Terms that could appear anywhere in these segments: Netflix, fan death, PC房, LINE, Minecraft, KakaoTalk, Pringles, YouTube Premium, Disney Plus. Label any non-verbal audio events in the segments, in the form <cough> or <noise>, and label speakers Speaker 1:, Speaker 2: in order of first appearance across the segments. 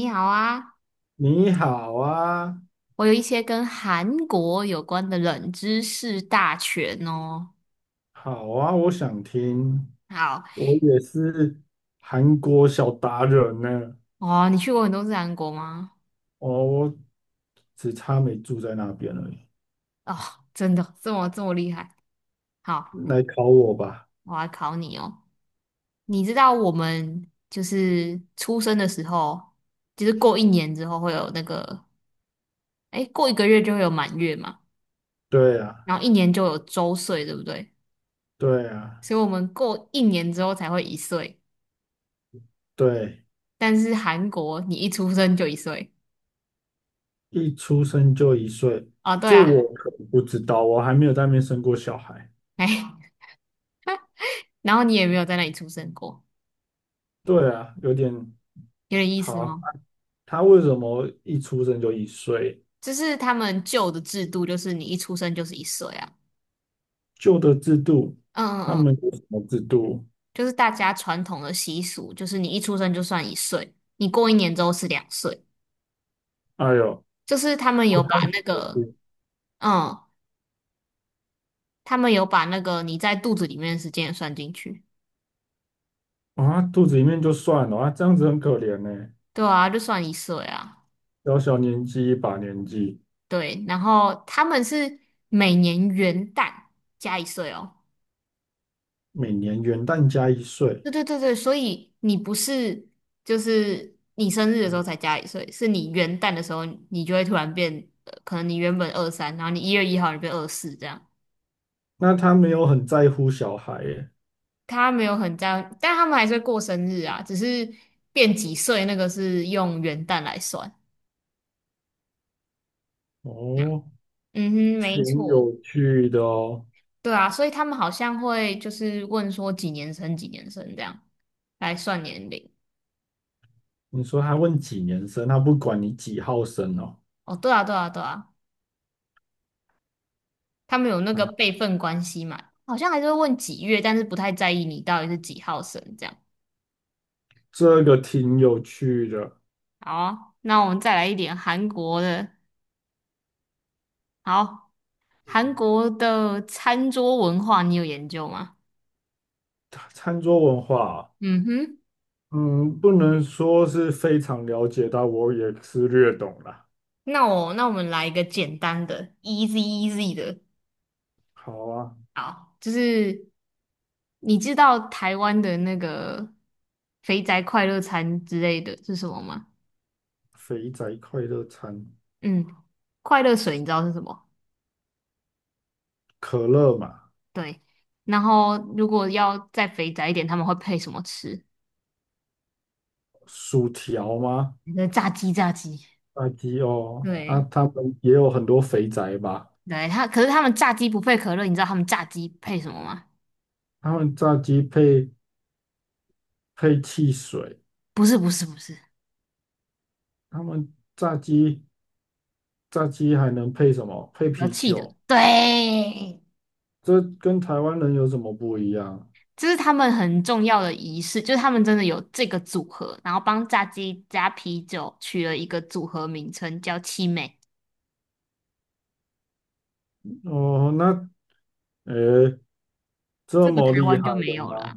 Speaker 1: 你好啊，
Speaker 2: 你好啊。
Speaker 1: 我有一些跟韩国有关的冷知识大全哦。
Speaker 2: 好啊，我想听。
Speaker 1: 好
Speaker 2: 我也是韩国小达人呢。
Speaker 1: 哦，你去过很多次韩国吗？
Speaker 2: 哦，我只差没住在那边而已。
Speaker 1: 哦，真的这么厉害？好，
Speaker 2: 来考我吧。
Speaker 1: 我来考你哦。你知道我们就是出生的时候，就是过一年之后会有那个，哎，过一个月就会有满月嘛，
Speaker 2: 对啊。
Speaker 1: 然后一年就有周岁，对不对？
Speaker 2: 对啊。
Speaker 1: 所以我们过一年之后才会一岁，
Speaker 2: 对。
Speaker 1: 但是韩国你一出生就一岁。
Speaker 2: 一出生就一岁，
Speaker 1: 哦，对
Speaker 2: 这
Speaker 1: 啊，
Speaker 2: 我可不知道，我还没有在那边生过小孩。
Speaker 1: 哎。然后你也没有在那里出生过，
Speaker 2: 对啊，有点
Speaker 1: 有点意思
Speaker 2: 好。
Speaker 1: 哦。
Speaker 2: 他为什么一出生就一岁？
Speaker 1: 就是他们旧的制度，就是你一出生就是一岁啊。
Speaker 2: 旧的制度，
Speaker 1: 嗯
Speaker 2: 他
Speaker 1: 嗯嗯，
Speaker 2: 们有什么制度？
Speaker 1: 就是大家传统的习俗，就是你一出生就算一岁，你过一年之后是两岁。
Speaker 2: 哎呦，
Speaker 1: 就是他们
Speaker 2: 好
Speaker 1: 有把
Speaker 2: 像
Speaker 1: 那个，嗯，他们有把那个你在肚子里面的时间也算进去。
Speaker 2: 啊，肚子里面就算了啊，这样子很可怜呢。
Speaker 1: 对啊，就算一岁啊。
Speaker 2: 小小年纪一把年纪，
Speaker 1: 对，然后他们是每年元旦加一岁哦。
Speaker 2: 每年元旦加一岁，
Speaker 1: 对对对对，所以你不是就是你生日的时候才加一岁，是你元旦的时候你就会突然变，可能你原本23，然后你1月1号你变24这样。
Speaker 2: 那他没有很在乎小孩耶。
Speaker 1: 他没有很这样，但他们还是会过生日啊，只是变几岁那个是用元旦来算。
Speaker 2: 哦，
Speaker 1: 嗯哼，没
Speaker 2: 挺
Speaker 1: 错，
Speaker 2: 有趣的哦。
Speaker 1: 对啊，所以他们好像会就是问说几年生几年生这样来算年龄。
Speaker 2: 你说他问几年生，他不管你几号生哦。
Speaker 1: 哦，对啊，对啊，对啊。他们有那个
Speaker 2: 啊，
Speaker 1: 辈分关系嘛，好像还是会问几月，但是不太在意你到底是几号生这样。
Speaker 2: 这个挺有趣的。
Speaker 1: 好啊那我们再来一点韩国的。好，韩国的餐桌文化你有研究吗？
Speaker 2: 餐桌文化啊，
Speaker 1: 嗯哼，
Speaker 2: 嗯，不能说是非常了解，但我也是略懂啦。
Speaker 1: 那我们来一个简单的，easy easy 的。
Speaker 2: 好啊。
Speaker 1: 好，就是你知道台湾的那个肥宅快乐餐之类的是什么吗？
Speaker 2: 肥宅快乐餐，
Speaker 1: 嗯，快乐水你知道是什么？
Speaker 2: 可乐嘛。
Speaker 1: 对，然后如果要再肥宅一点，他们会配什么吃？
Speaker 2: 薯条吗？
Speaker 1: 那炸鸡，炸鸡。
Speaker 2: 炸鸡哦，啊，
Speaker 1: 对，
Speaker 2: 他们也有很多肥宅吧？
Speaker 1: 对，他可是他们炸鸡不配可乐，你知道他们炸鸡配什么吗？
Speaker 2: 他们炸鸡配汽水，
Speaker 1: 不是，不是，不是，
Speaker 2: 他们炸鸡还能配什么？配
Speaker 1: 有
Speaker 2: 啤
Speaker 1: 气的。
Speaker 2: 酒。
Speaker 1: 对，
Speaker 2: 这跟台湾人有什么不一样？
Speaker 1: 这是他们很重要的仪式，就是他们真的有这个组合，然后帮炸鸡加啤酒取了一个组合名称叫七妹"。
Speaker 2: 哦，那诶，这
Speaker 1: 这个台
Speaker 2: 么厉
Speaker 1: 湾
Speaker 2: 害
Speaker 1: 就没
Speaker 2: 的
Speaker 1: 有了啊
Speaker 2: 吗？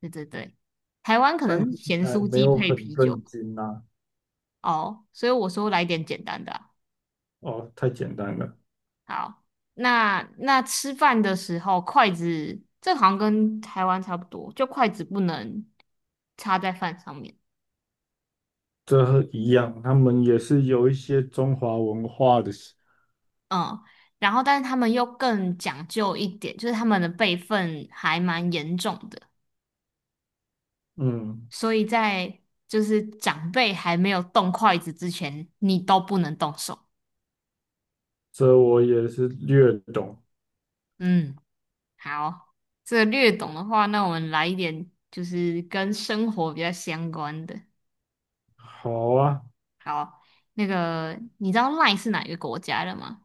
Speaker 1: 对对对，台湾可
Speaker 2: 但
Speaker 1: 能
Speaker 2: 听
Speaker 1: 是
Speaker 2: 起
Speaker 1: 咸
Speaker 2: 来
Speaker 1: 酥
Speaker 2: 没
Speaker 1: 鸡
Speaker 2: 有
Speaker 1: 配
Speaker 2: 很
Speaker 1: 啤酒
Speaker 2: 震
Speaker 1: 吧
Speaker 2: 惊啊。
Speaker 1: 哦，所以我说来点简单的啊
Speaker 2: 哦，太简单了。
Speaker 1: 好，那吃饭的时候，筷子这好像跟台湾差不多，就筷子不能插在饭上面。
Speaker 2: 这和一样，他们也是有一些中华文化的。
Speaker 1: 嗯，然后但是他们又更讲究一点，就是他们的辈分还蛮严重的，
Speaker 2: 嗯，
Speaker 1: 所以就是长辈还没有动筷子之前，你都不能动手。
Speaker 2: 这我也是略懂。
Speaker 1: 嗯，好，这个略懂的话，那我们来一点就是跟生活比较相关的。
Speaker 2: 好啊。
Speaker 1: 好，那个你知道 line 是哪一个国家的吗？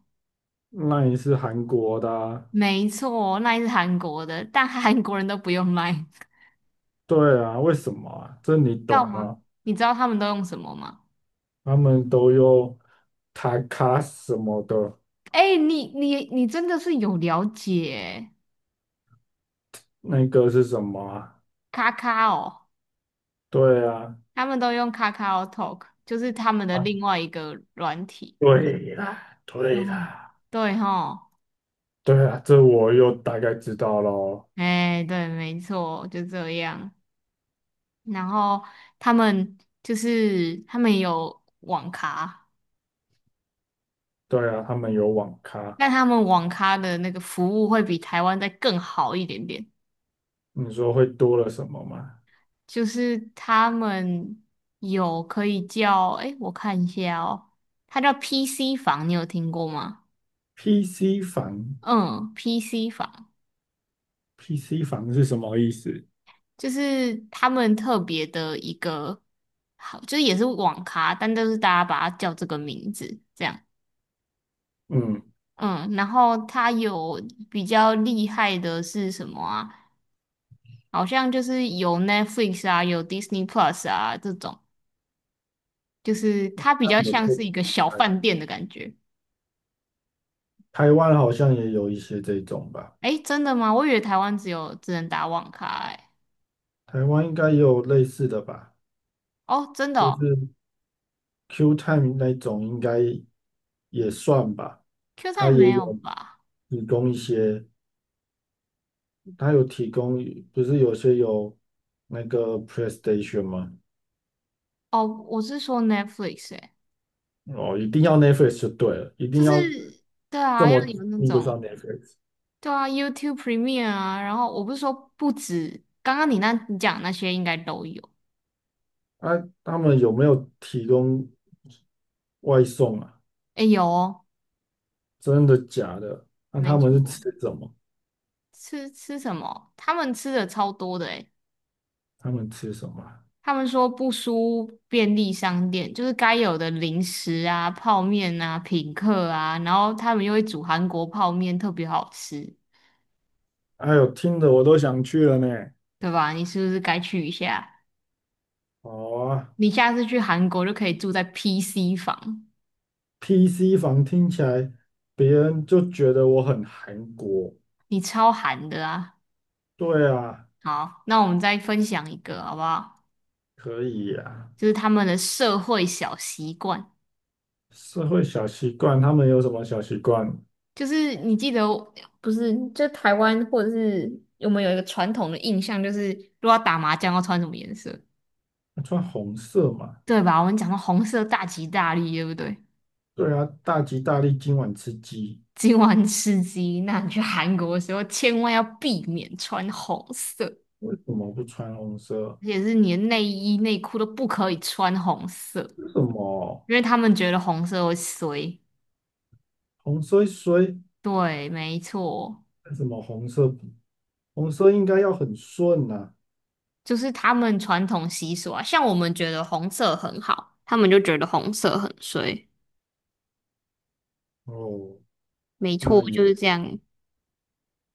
Speaker 2: 那也是韩国的啊。
Speaker 1: 没错，l i n e 是韩国的，但韩 <laughs> 国人都不用 line，
Speaker 2: 对啊，为什么啊？这
Speaker 1: <laughs>
Speaker 2: 你
Speaker 1: 知道
Speaker 2: 懂吗？
Speaker 1: 吗？你知道他们都用什么吗？
Speaker 2: 他们都用卡卡什么的。
Speaker 1: 哎、你真的是有了解，
Speaker 2: 那个是什么啊？
Speaker 1: 卡卡哦，
Speaker 2: 对啊。
Speaker 1: 他们都用卡卡哦 Talk，就是他们的
Speaker 2: 啊，
Speaker 1: 另外一个软体。
Speaker 2: 对啦，
Speaker 1: 对
Speaker 2: 对啦。
Speaker 1: 对哈，
Speaker 2: 对啊，这我又大概知道咯。
Speaker 1: 哎、对，没错，就这样。然后他们他们有网咖。
Speaker 2: 对啊，他们有网咖。
Speaker 1: 但他们网咖的那个服务会比台湾再更好一点点，
Speaker 2: 你说会多了什么吗
Speaker 1: 就是他们有可以叫，诶，我看一下哦，它叫 PC 房，你有听过吗？
Speaker 2: ？PC 房
Speaker 1: 嗯，PC 房
Speaker 2: ，PC 房是什么意思？
Speaker 1: 就是他们特别的一个，好，就是也是网咖，但都是大家把它叫这个名字这样。
Speaker 2: 嗯，
Speaker 1: 嗯，然后它有比较厉害的是什么啊？好像就是有 Netflix 啊，有 Disney Plus 啊这种。就是它比较
Speaker 2: 有
Speaker 1: 像
Speaker 2: 特
Speaker 1: 是一个小
Speaker 2: 台
Speaker 1: 饭店的感觉。
Speaker 2: 台湾好像也有一些这种吧。
Speaker 1: 哎，真的吗？我以为台湾只能打网咖哎。
Speaker 2: 台湾应该也有类似的吧。
Speaker 1: 哦，真的
Speaker 2: 就
Speaker 1: 哦
Speaker 2: 是 Q Time 那种应该也算吧。
Speaker 1: ，Q
Speaker 2: 它
Speaker 1: 站没
Speaker 2: 也
Speaker 1: 有
Speaker 2: 有
Speaker 1: 吧？
Speaker 2: 提供一些，它有提供，不是有些有那个 PlayStation 吗？
Speaker 1: 哦，我是说 Netflix 哎，
Speaker 2: 哦，一定要 Netflix 就对了，一定
Speaker 1: 就是
Speaker 2: 要
Speaker 1: 对
Speaker 2: 这
Speaker 1: 啊，要
Speaker 2: 么
Speaker 1: 有那
Speaker 2: 那个
Speaker 1: 种
Speaker 2: 上面。Netflix。
Speaker 1: 对啊，YouTube Premium 啊，然后我不是说不止，刚刚你讲那些应该都有。
Speaker 2: 啊，他们有没有提供外送啊？
Speaker 1: 哎，有哦，
Speaker 2: 真的假的？那、
Speaker 1: 没
Speaker 2: 他们是
Speaker 1: 错。
Speaker 2: 吃什么？
Speaker 1: 吃什么？他们吃的超多的诶
Speaker 2: 他们吃什么啊？
Speaker 1: 他们说不输便利商店，就是该有的零食啊、泡面啊、品客啊，然后他们又会煮韩国泡面，特别好吃，
Speaker 2: 哎呦，听得我都想去了呢。
Speaker 1: 对吧？你是不是该去一下？
Speaker 2: 好啊。
Speaker 1: 你下次去韩国就可以住在 PC 房，
Speaker 2: PC 房听起来，别人就觉得我很韩国。
Speaker 1: 你超韩的啊！
Speaker 2: 对啊。
Speaker 1: 好，那我们再分享一个好不好？
Speaker 2: 可以呀、
Speaker 1: 就是他们的社会小习惯，
Speaker 2: 社会小习惯，他们有什么小习惯？
Speaker 1: 就是你记得不是？就台湾或者是我们有一个传统的印象，就是如果要打麻将要穿什么颜色？
Speaker 2: 穿红色嘛。
Speaker 1: 对吧？我们讲到红色大吉大利，对不对？
Speaker 2: 对啊，大吉大利，今晚吃鸡。
Speaker 1: 今晚吃鸡，那你去韩国的时候千万要避免穿红色，
Speaker 2: 为什么不穿红色？
Speaker 1: 而且是你的内衣内裤都不可以穿红色，
Speaker 2: 为什么
Speaker 1: 因为他们觉得红色会衰。
Speaker 2: 红衰衰？
Speaker 1: 对，没错，
Speaker 2: 为什么红色不红色应该要很顺呐、
Speaker 1: 就是他们传统习俗啊。像我们觉得红色很好，他们就觉得红色很衰。
Speaker 2: 哦，
Speaker 1: 没错，
Speaker 2: 那也，
Speaker 1: 就是这样。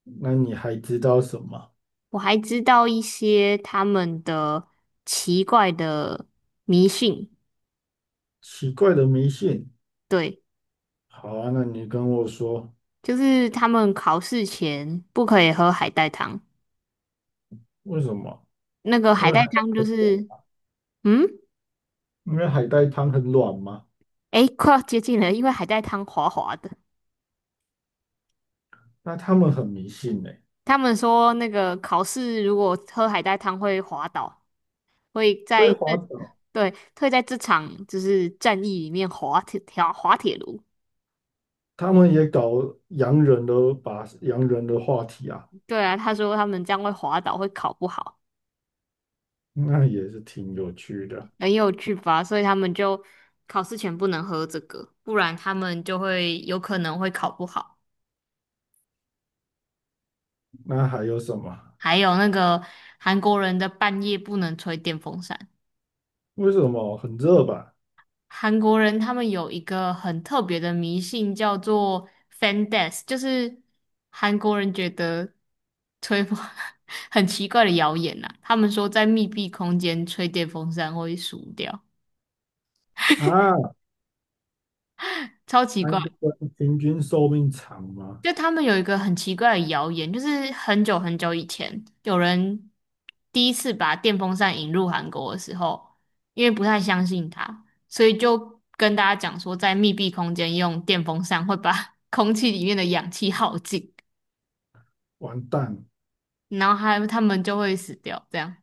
Speaker 2: 那你还知道什么
Speaker 1: 我还知道一些他们的奇怪的迷信，
Speaker 2: 奇怪的迷信？
Speaker 1: 对。
Speaker 2: 好啊，那你跟我说
Speaker 1: 就是他们考试前不可以喝海带汤，
Speaker 2: 为什么？
Speaker 1: 那个
Speaker 2: 因
Speaker 1: 海
Speaker 2: 为海
Speaker 1: 带
Speaker 2: 带
Speaker 1: 汤就
Speaker 2: 很
Speaker 1: 是，
Speaker 2: 软，
Speaker 1: 嗯，
Speaker 2: 因为海带汤很软嘛。
Speaker 1: 诶，快要接近了，因为海带汤滑滑的。
Speaker 2: 那他们很迷信呢、
Speaker 1: 他们说那个考试如果喝海带汤会滑倒，会
Speaker 2: 会
Speaker 1: 在
Speaker 2: 滑
Speaker 1: 这，
Speaker 2: 倒。
Speaker 1: 对，会在这场就是战役里面滑铁卢。
Speaker 2: 他们也搞洋人的，把洋人的话题啊。
Speaker 1: 对啊，他说他们这样会滑倒，会考不好，
Speaker 2: 那也是挺有趣的。
Speaker 1: 很有趣吧？所以他们就考试前不能喝这个，不然他们就会有可能会考不好。
Speaker 2: 那还有什么？
Speaker 1: 还有那个韩国人的半夜不能吹电风扇。
Speaker 2: 为什么很热吧？
Speaker 1: 韩国人他们有一个很特别的迷信，叫做 "fan death"，就是韩国人觉得吹风 <laughs> 很奇怪的谣言呐、他们说在密闭空间吹电风扇会死掉，
Speaker 2: 啊，
Speaker 1: 超奇怪。
Speaker 2: 韩国人平均寿命长吗？
Speaker 1: 就他们有一个很奇怪的谣言，就是很久很久以前，有人第一次把电风扇引入韩国的时候，因为不太相信它，所以就跟大家讲说，在密闭空间用电风扇会把 <laughs> 空气里面的氧气耗尽，
Speaker 2: 完蛋。
Speaker 1: 然后还他们就会死掉。这样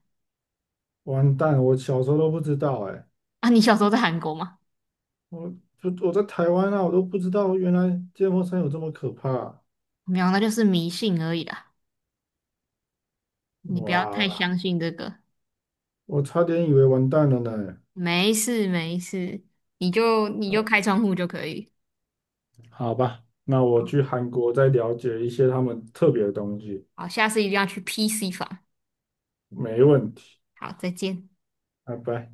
Speaker 2: 完蛋！我小时候都不知道哎、
Speaker 1: 啊？你小时候在韩国吗？
Speaker 2: 我我在台湾啊，我都不知道原来芥末山有这么可怕啊。
Speaker 1: 没有，那就是迷信而已啦。你不要太
Speaker 2: 哇，
Speaker 1: 相信这个，
Speaker 2: 我差点以为完蛋了呢。
Speaker 1: 没事没事，你就开窗户就可以。
Speaker 2: 好吧，那我去韩国再了解一些他们特别的东西。
Speaker 1: 好，下次一定要去 PC 房。
Speaker 2: 没问题，
Speaker 1: 好，再见。
Speaker 2: 拜拜。